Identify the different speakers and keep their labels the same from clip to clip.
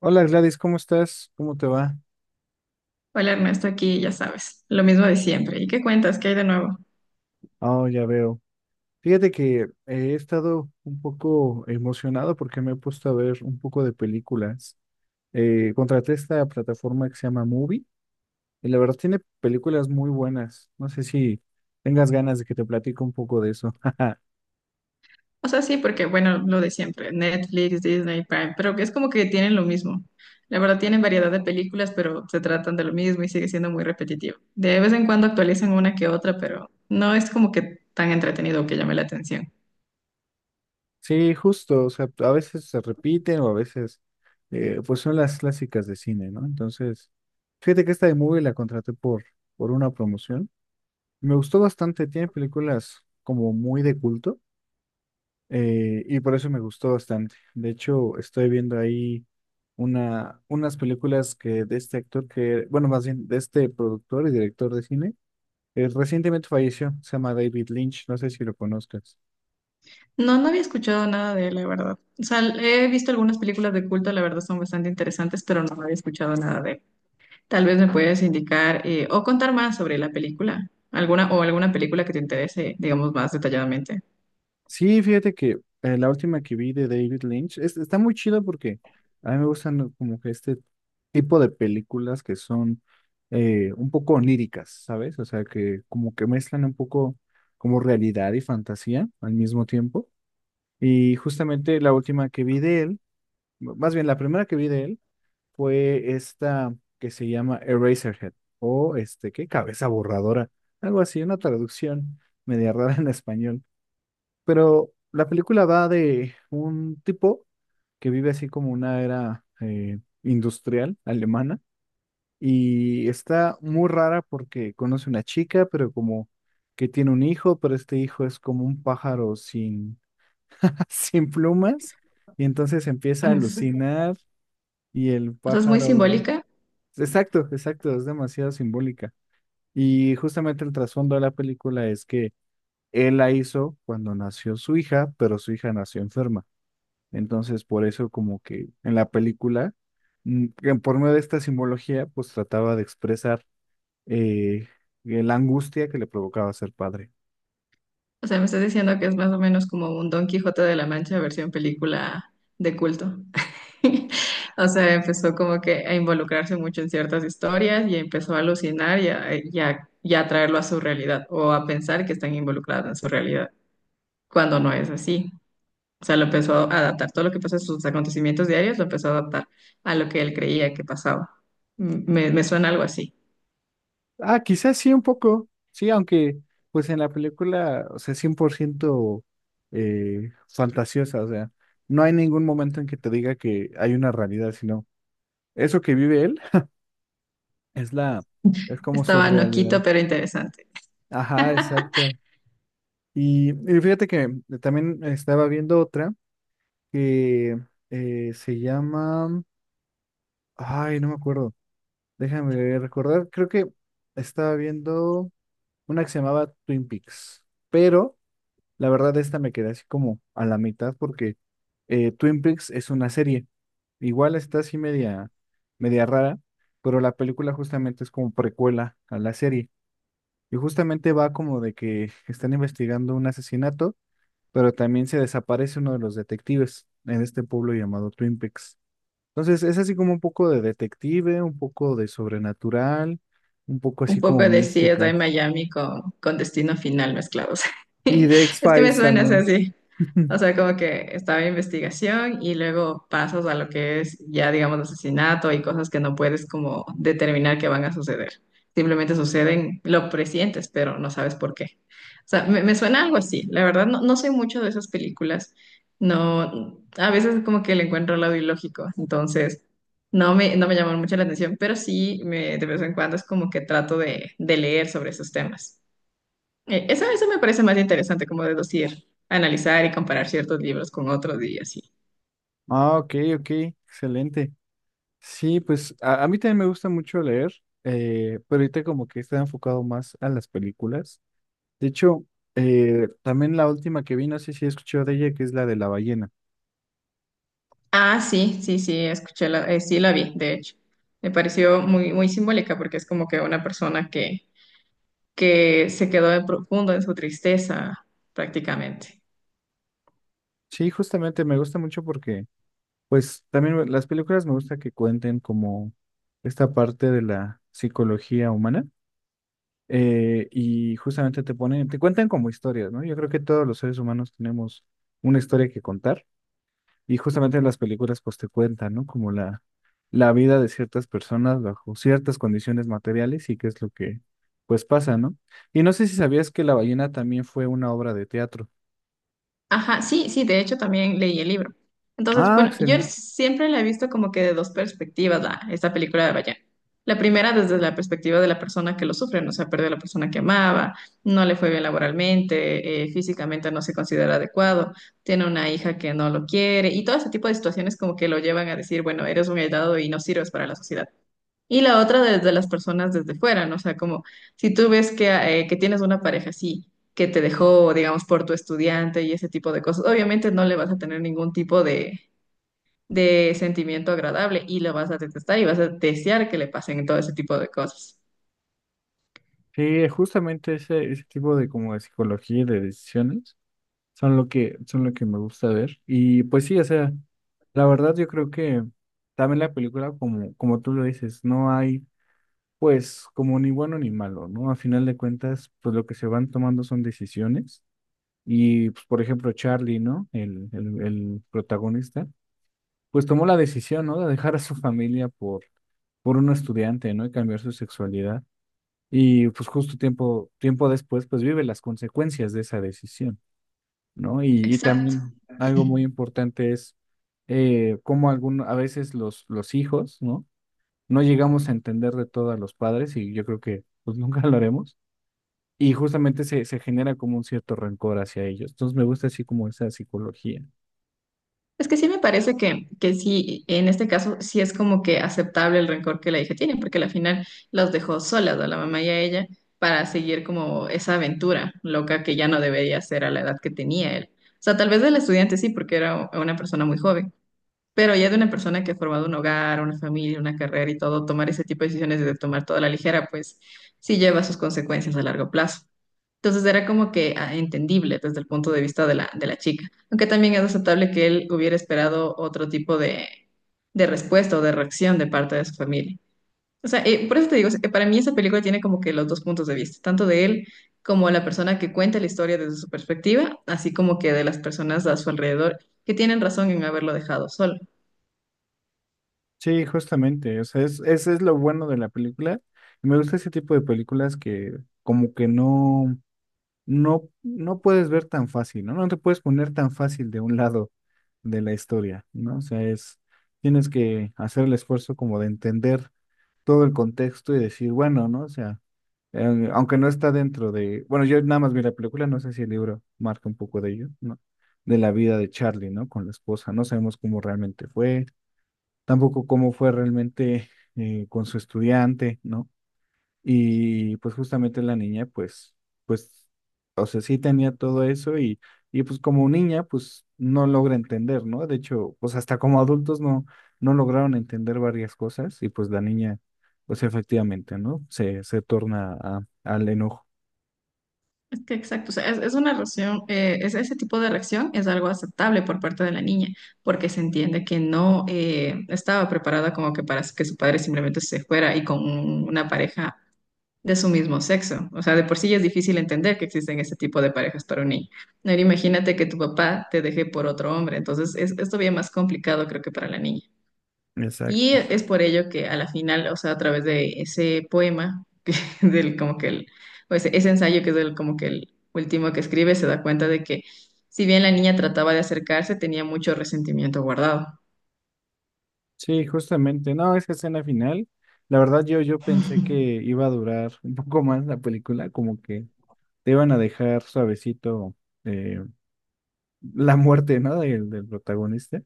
Speaker 1: Hola Gladys, ¿cómo estás? ¿Cómo te va?
Speaker 2: Hola Ernesto, aquí ya sabes, lo mismo de siempre. ¿Y qué cuentas? ¿Qué hay de nuevo?
Speaker 1: Oh, ya veo. Fíjate que he estado un poco emocionado porque me he puesto a ver un poco de películas. Contraté esta plataforma que se llama Movie y la verdad tiene películas muy buenas. No sé si tengas ganas de que te platique un poco de eso.
Speaker 2: O sea, sí, porque bueno, lo de siempre, Netflix, Disney, Prime, pero que es como que tienen lo mismo. La verdad tienen variedad de películas, pero se tratan de lo mismo y sigue siendo muy repetitivo. De vez en cuando actualizan una que otra, pero no es como que tan entretenido que llame la atención.
Speaker 1: Sí, justo, o sea, a veces se repiten o a veces pues son las clásicas de cine, ¿no? Entonces, fíjate que esta de Movie la contraté por una promoción. Me gustó bastante, tiene películas como muy de culto y por eso me gustó bastante. De hecho, estoy viendo ahí unas películas que de este actor que, bueno, más bien de este productor y director de cine, recientemente falleció, se llama David Lynch, no sé si lo conozcas.
Speaker 2: No, no había escuchado nada de él, la verdad. O sea, he visto algunas películas de culto, la verdad son bastante interesantes, pero no había escuchado nada de él. Tal vez me puedes indicar o contar más sobre la película, alguna o alguna película que te interese, digamos, más detalladamente.
Speaker 1: Sí, fíjate que la última que vi de David Lynch está muy chido porque a mí me gustan, ¿no?, como que este tipo de películas que son un poco oníricas, ¿sabes? O sea, que como que mezclan un poco como realidad y fantasía al mismo tiempo. Y justamente la última que vi de él, más bien la primera que vi de él fue esta que se llama Eraserhead o este, ¿qué?, Cabeza borradora, algo así, una traducción media rara en español. Pero la película va de un tipo que vive así como una era industrial alemana y está muy rara porque conoce una chica, pero como que tiene un hijo, pero este hijo es como un pájaro sin, sin plumas y entonces empieza a
Speaker 2: Es-
Speaker 1: alucinar y el
Speaker 2: o sea, es muy
Speaker 1: pájaro...
Speaker 2: simbólica.
Speaker 1: Exacto, exacto, es demasiado simbólica. Y justamente el trasfondo de la película es que él la hizo cuando nació su hija, pero su hija nació enferma. Entonces, por eso como que en la película, que por medio de esta simbología, pues trataba de expresar eh, la angustia que le provocaba ser padre.
Speaker 2: O sea, me estás diciendo que es más o menos como un Don Quijote de la Mancha versión película de culto. O sea, empezó como que a involucrarse mucho en ciertas historias y empezó a alucinar y a traerlo a su realidad o a pensar que están involucradas en su realidad, cuando no es así. O sea, lo empezó a adaptar. Todo lo que pasa en sus acontecimientos diarios lo empezó a adaptar a lo que él creía que pasaba. Me suena algo así.
Speaker 1: Ah, quizás sí un poco, sí, aunque pues en la película, o sea, 100% fantasiosa, o sea, no hay ningún momento en que te diga que hay una realidad, sino eso que vive él es la, es como su
Speaker 2: Estaba
Speaker 1: realidad.
Speaker 2: noquito, pero interesante.
Speaker 1: Ajá, exacto. Y fíjate que también estaba viendo otra. Que se llama... Ay, no me acuerdo. Déjame recordar. Creo que estaba viendo una que se llamaba Twin Peaks. Pero la verdad esta me quedé así como a la mitad porque Twin Peaks es una serie. Igual está así media, media rara, pero la película justamente es como precuela a la serie. Y justamente va como de que están investigando un asesinato, pero también se desaparece uno de los detectives en este pueblo llamado Twin Peaks. Entonces, es así como un poco de detective, un poco de sobrenatural, un poco así
Speaker 2: Un
Speaker 1: como
Speaker 2: poco de CSI
Speaker 1: mística.
Speaker 2: Miami con Destino Final mezclados.
Speaker 1: Y de
Speaker 2: Es que me
Speaker 1: X-Files
Speaker 2: suena, o sea,
Speaker 1: también.
Speaker 2: sí. O sea, como que estaba investigación y luego pasas a lo que es ya, digamos, asesinato y cosas que no puedes como determinar que van a suceder. Simplemente suceden, lo presientes, pero no sabes por qué. O sea, me suena algo así. La verdad, no, no soy mucho de esas películas. No, a veces como que le encuentro el lado ilógico. Entonces, no me llaman mucho la atención, pero sí me, de vez en cuando es como que trato de leer sobre esos temas. Eso me parece más interesante, como deducir, analizar y comparar ciertos libros con otros y así.
Speaker 1: Ah, ok, ok, excelente. Sí, pues a mí también me gusta mucho leer, pero ahorita como que está enfocado más a las películas. De hecho, también la última que vi, no sé si he escuchado de ella, que es la de la ballena.
Speaker 2: Ah, sí, sí, sí, escuché, la, sí la vi, de hecho. Me pareció muy simbólica porque es como que una persona que se quedó en profundo en su tristeza, prácticamente.
Speaker 1: Sí, justamente me gusta mucho porque, pues también las películas me gusta que cuenten como esta parte de la psicología humana. Eh, y justamente te ponen, te cuentan como historias, ¿no? Yo creo que todos los seres humanos tenemos una historia que contar y justamente en las películas pues te cuentan, ¿no? Como la vida de ciertas personas bajo ciertas condiciones materiales y qué es lo que pues pasa, ¿no? Y no sé si sabías que La ballena también fue una obra de teatro.
Speaker 2: Ajá, sí, sí, de hecho también leí el libro. Entonces,
Speaker 1: Ah,
Speaker 2: bueno, yo
Speaker 1: excelente.
Speaker 2: siempre la he visto como que de dos perspectivas, la, esta película de Bayán. La primera desde la perspectiva de la persona que lo sufre, no se ha perdido a la persona que amaba, no le fue bien laboralmente, físicamente no se considera adecuado, tiene una hija que no lo quiere y todo ese tipo de situaciones como que lo llevan a decir, bueno, eres un aislado y no sirves para la sociedad. Y la otra desde las personas desde fuera, ¿no? O sea, como si tú ves que tienes una pareja así, que te dejó, digamos, por tu estudiante y ese tipo de cosas, obviamente no le vas a tener ningún tipo de sentimiento agradable y lo vas a detestar y vas a desear que le pasen todo ese tipo de cosas.
Speaker 1: Sí, justamente ese tipo de como de psicología y de decisiones. Son lo que, son lo que me gusta ver. Y pues sí, o sea, la verdad yo creo que también la película, como, como tú lo dices, no hay pues como ni bueno ni malo, ¿no? A final de cuentas, pues lo que se van tomando son decisiones. Y pues, por ejemplo, Charlie, ¿no? El protagonista, pues tomó la decisión, ¿no?, de dejar a su familia por un estudiante, ¿no?, y cambiar su sexualidad. Y pues justo tiempo después, pues vive las consecuencias de esa decisión. ¿No? Y
Speaker 2: Exacto.
Speaker 1: también algo muy importante es cómo algún, a veces los hijos, ¿no? No llegamos a entender de todo a los padres y yo creo que pues nunca lo haremos. Y justamente se genera como un cierto rencor hacia ellos. Entonces me gusta así como esa psicología.
Speaker 2: Es que sí me parece que sí, en este caso sí es como que aceptable el rencor que la hija tiene, porque al final los dejó solas a la mamá y a ella para seguir como esa aventura loca que ya no debería hacer a la edad que tenía él. O sea, tal vez el estudiante sí, porque era una persona muy joven, pero ya de una persona que ha formado un hogar, una familia, una carrera y todo, tomar ese tipo de decisiones de tomar toda la ligera, pues sí lleva sus consecuencias a largo plazo. Entonces era como que ah, entendible desde el punto de vista de la chica, aunque también es aceptable que él hubiera esperado otro tipo de respuesta o de reacción de parte de su familia. O sea, por eso te digo, o sea, que para mí esa película tiene como que los dos puntos de vista, tanto de él como la persona que cuenta la historia desde su perspectiva, así como que de las personas a su alrededor que tienen razón en haberlo dejado solo.
Speaker 1: Sí, justamente. O sea, es, ese es lo bueno de la película. Me gusta ese tipo de películas que como que no... No, no puedes ver tan fácil, ¿no? No te puedes poner tan fácil de un lado de la historia, ¿no? O sea, es, tienes que hacer el esfuerzo como de entender todo el contexto y decir, bueno, ¿no? O sea, aunque no está dentro de, bueno, yo nada más vi la película, no sé si el libro marca un poco de ello, ¿no? De la vida de Charlie, ¿no? Con la esposa, no sabemos cómo realmente fue, tampoco cómo fue realmente con su estudiante, ¿no? Y pues justamente la niña, pues, pues, o sea, sí tenía todo eso y pues como niña, pues no logra entender, ¿no? De hecho, pues hasta como adultos no, no lograron entender varias cosas y pues la niña, pues efectivamente, ¿no? Se torna al enojo.
Speaker 2: Es que exacto, o sea, es una reacción, es, ese tipo de reacción es algo aceptable por parte de la niña, porque se entiende que no estaba preparada como que para que su padre simplemente se fuera y con una pareja de su mismo sexo. O sea, de por sí ya es difícil entender que existen ese tipo de parejas para un niño. No, imagínate que tu papá te deje por otro hombre, entonces es todavía más complicado creo que para la niña. Y
Speaker 1: Exacto.
Speaker 2: es por ello que a la final, o sea, a través de ese poema, que del como que el, o ese ensayo que es el, como que el último que escribe, se da cuenta de que si bien la niña trataba de acercarse, tenía mucho resentimiento guardado.
Speaker 1: Sí, justamente. No, esa escena final, la verdad yo pensé que iba a durar un poco más la película, como que te iban a dejar suavecito eh, la muerte, ¿no? Del protagonista.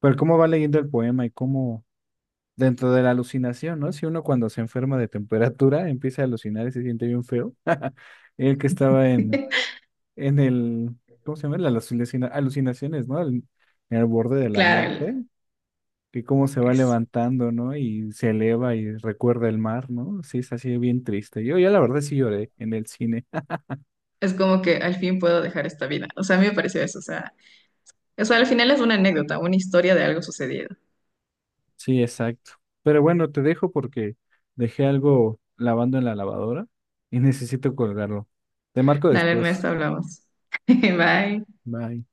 Speaker 1: Pero cómo va leyendo el poema y cómo dentro de la alucinación, ¿no? Si uno cuando se enferma de temperatura empieza a alucinar y se siente bien feo. El que estaba en el, ¿cómo se llama? Las alucinaciones, ¿no? El- en el borde de la
Speaker 2: Claro,
Speaker 1: muerte,
Speaker 2: el-
Speaker 1: que cómo se va
Speaker 2: es,
Speaker 1: levantando, ¿no? Y se eleva y recuerda el mar, ¿no? Sí, es así bien triste. Yo ya la verdad sí lloré en el cine.
Speaker 2: es como que al fin puedo dejar esta vida. O sea, a mí me pareció eso. O sea, al final es una anécdota, una historia de algo sucedido.
Speaker 1: Sí, exacto. Pero bueno, te dejo porque dejé algo lavando en la lavadora y necesito colgarlo. Te marco
Speaker 2: Dale,
Speaker 1: después.
Speaker 2: Ernesto, hablamos. Bye.
Speaker 1: Bye.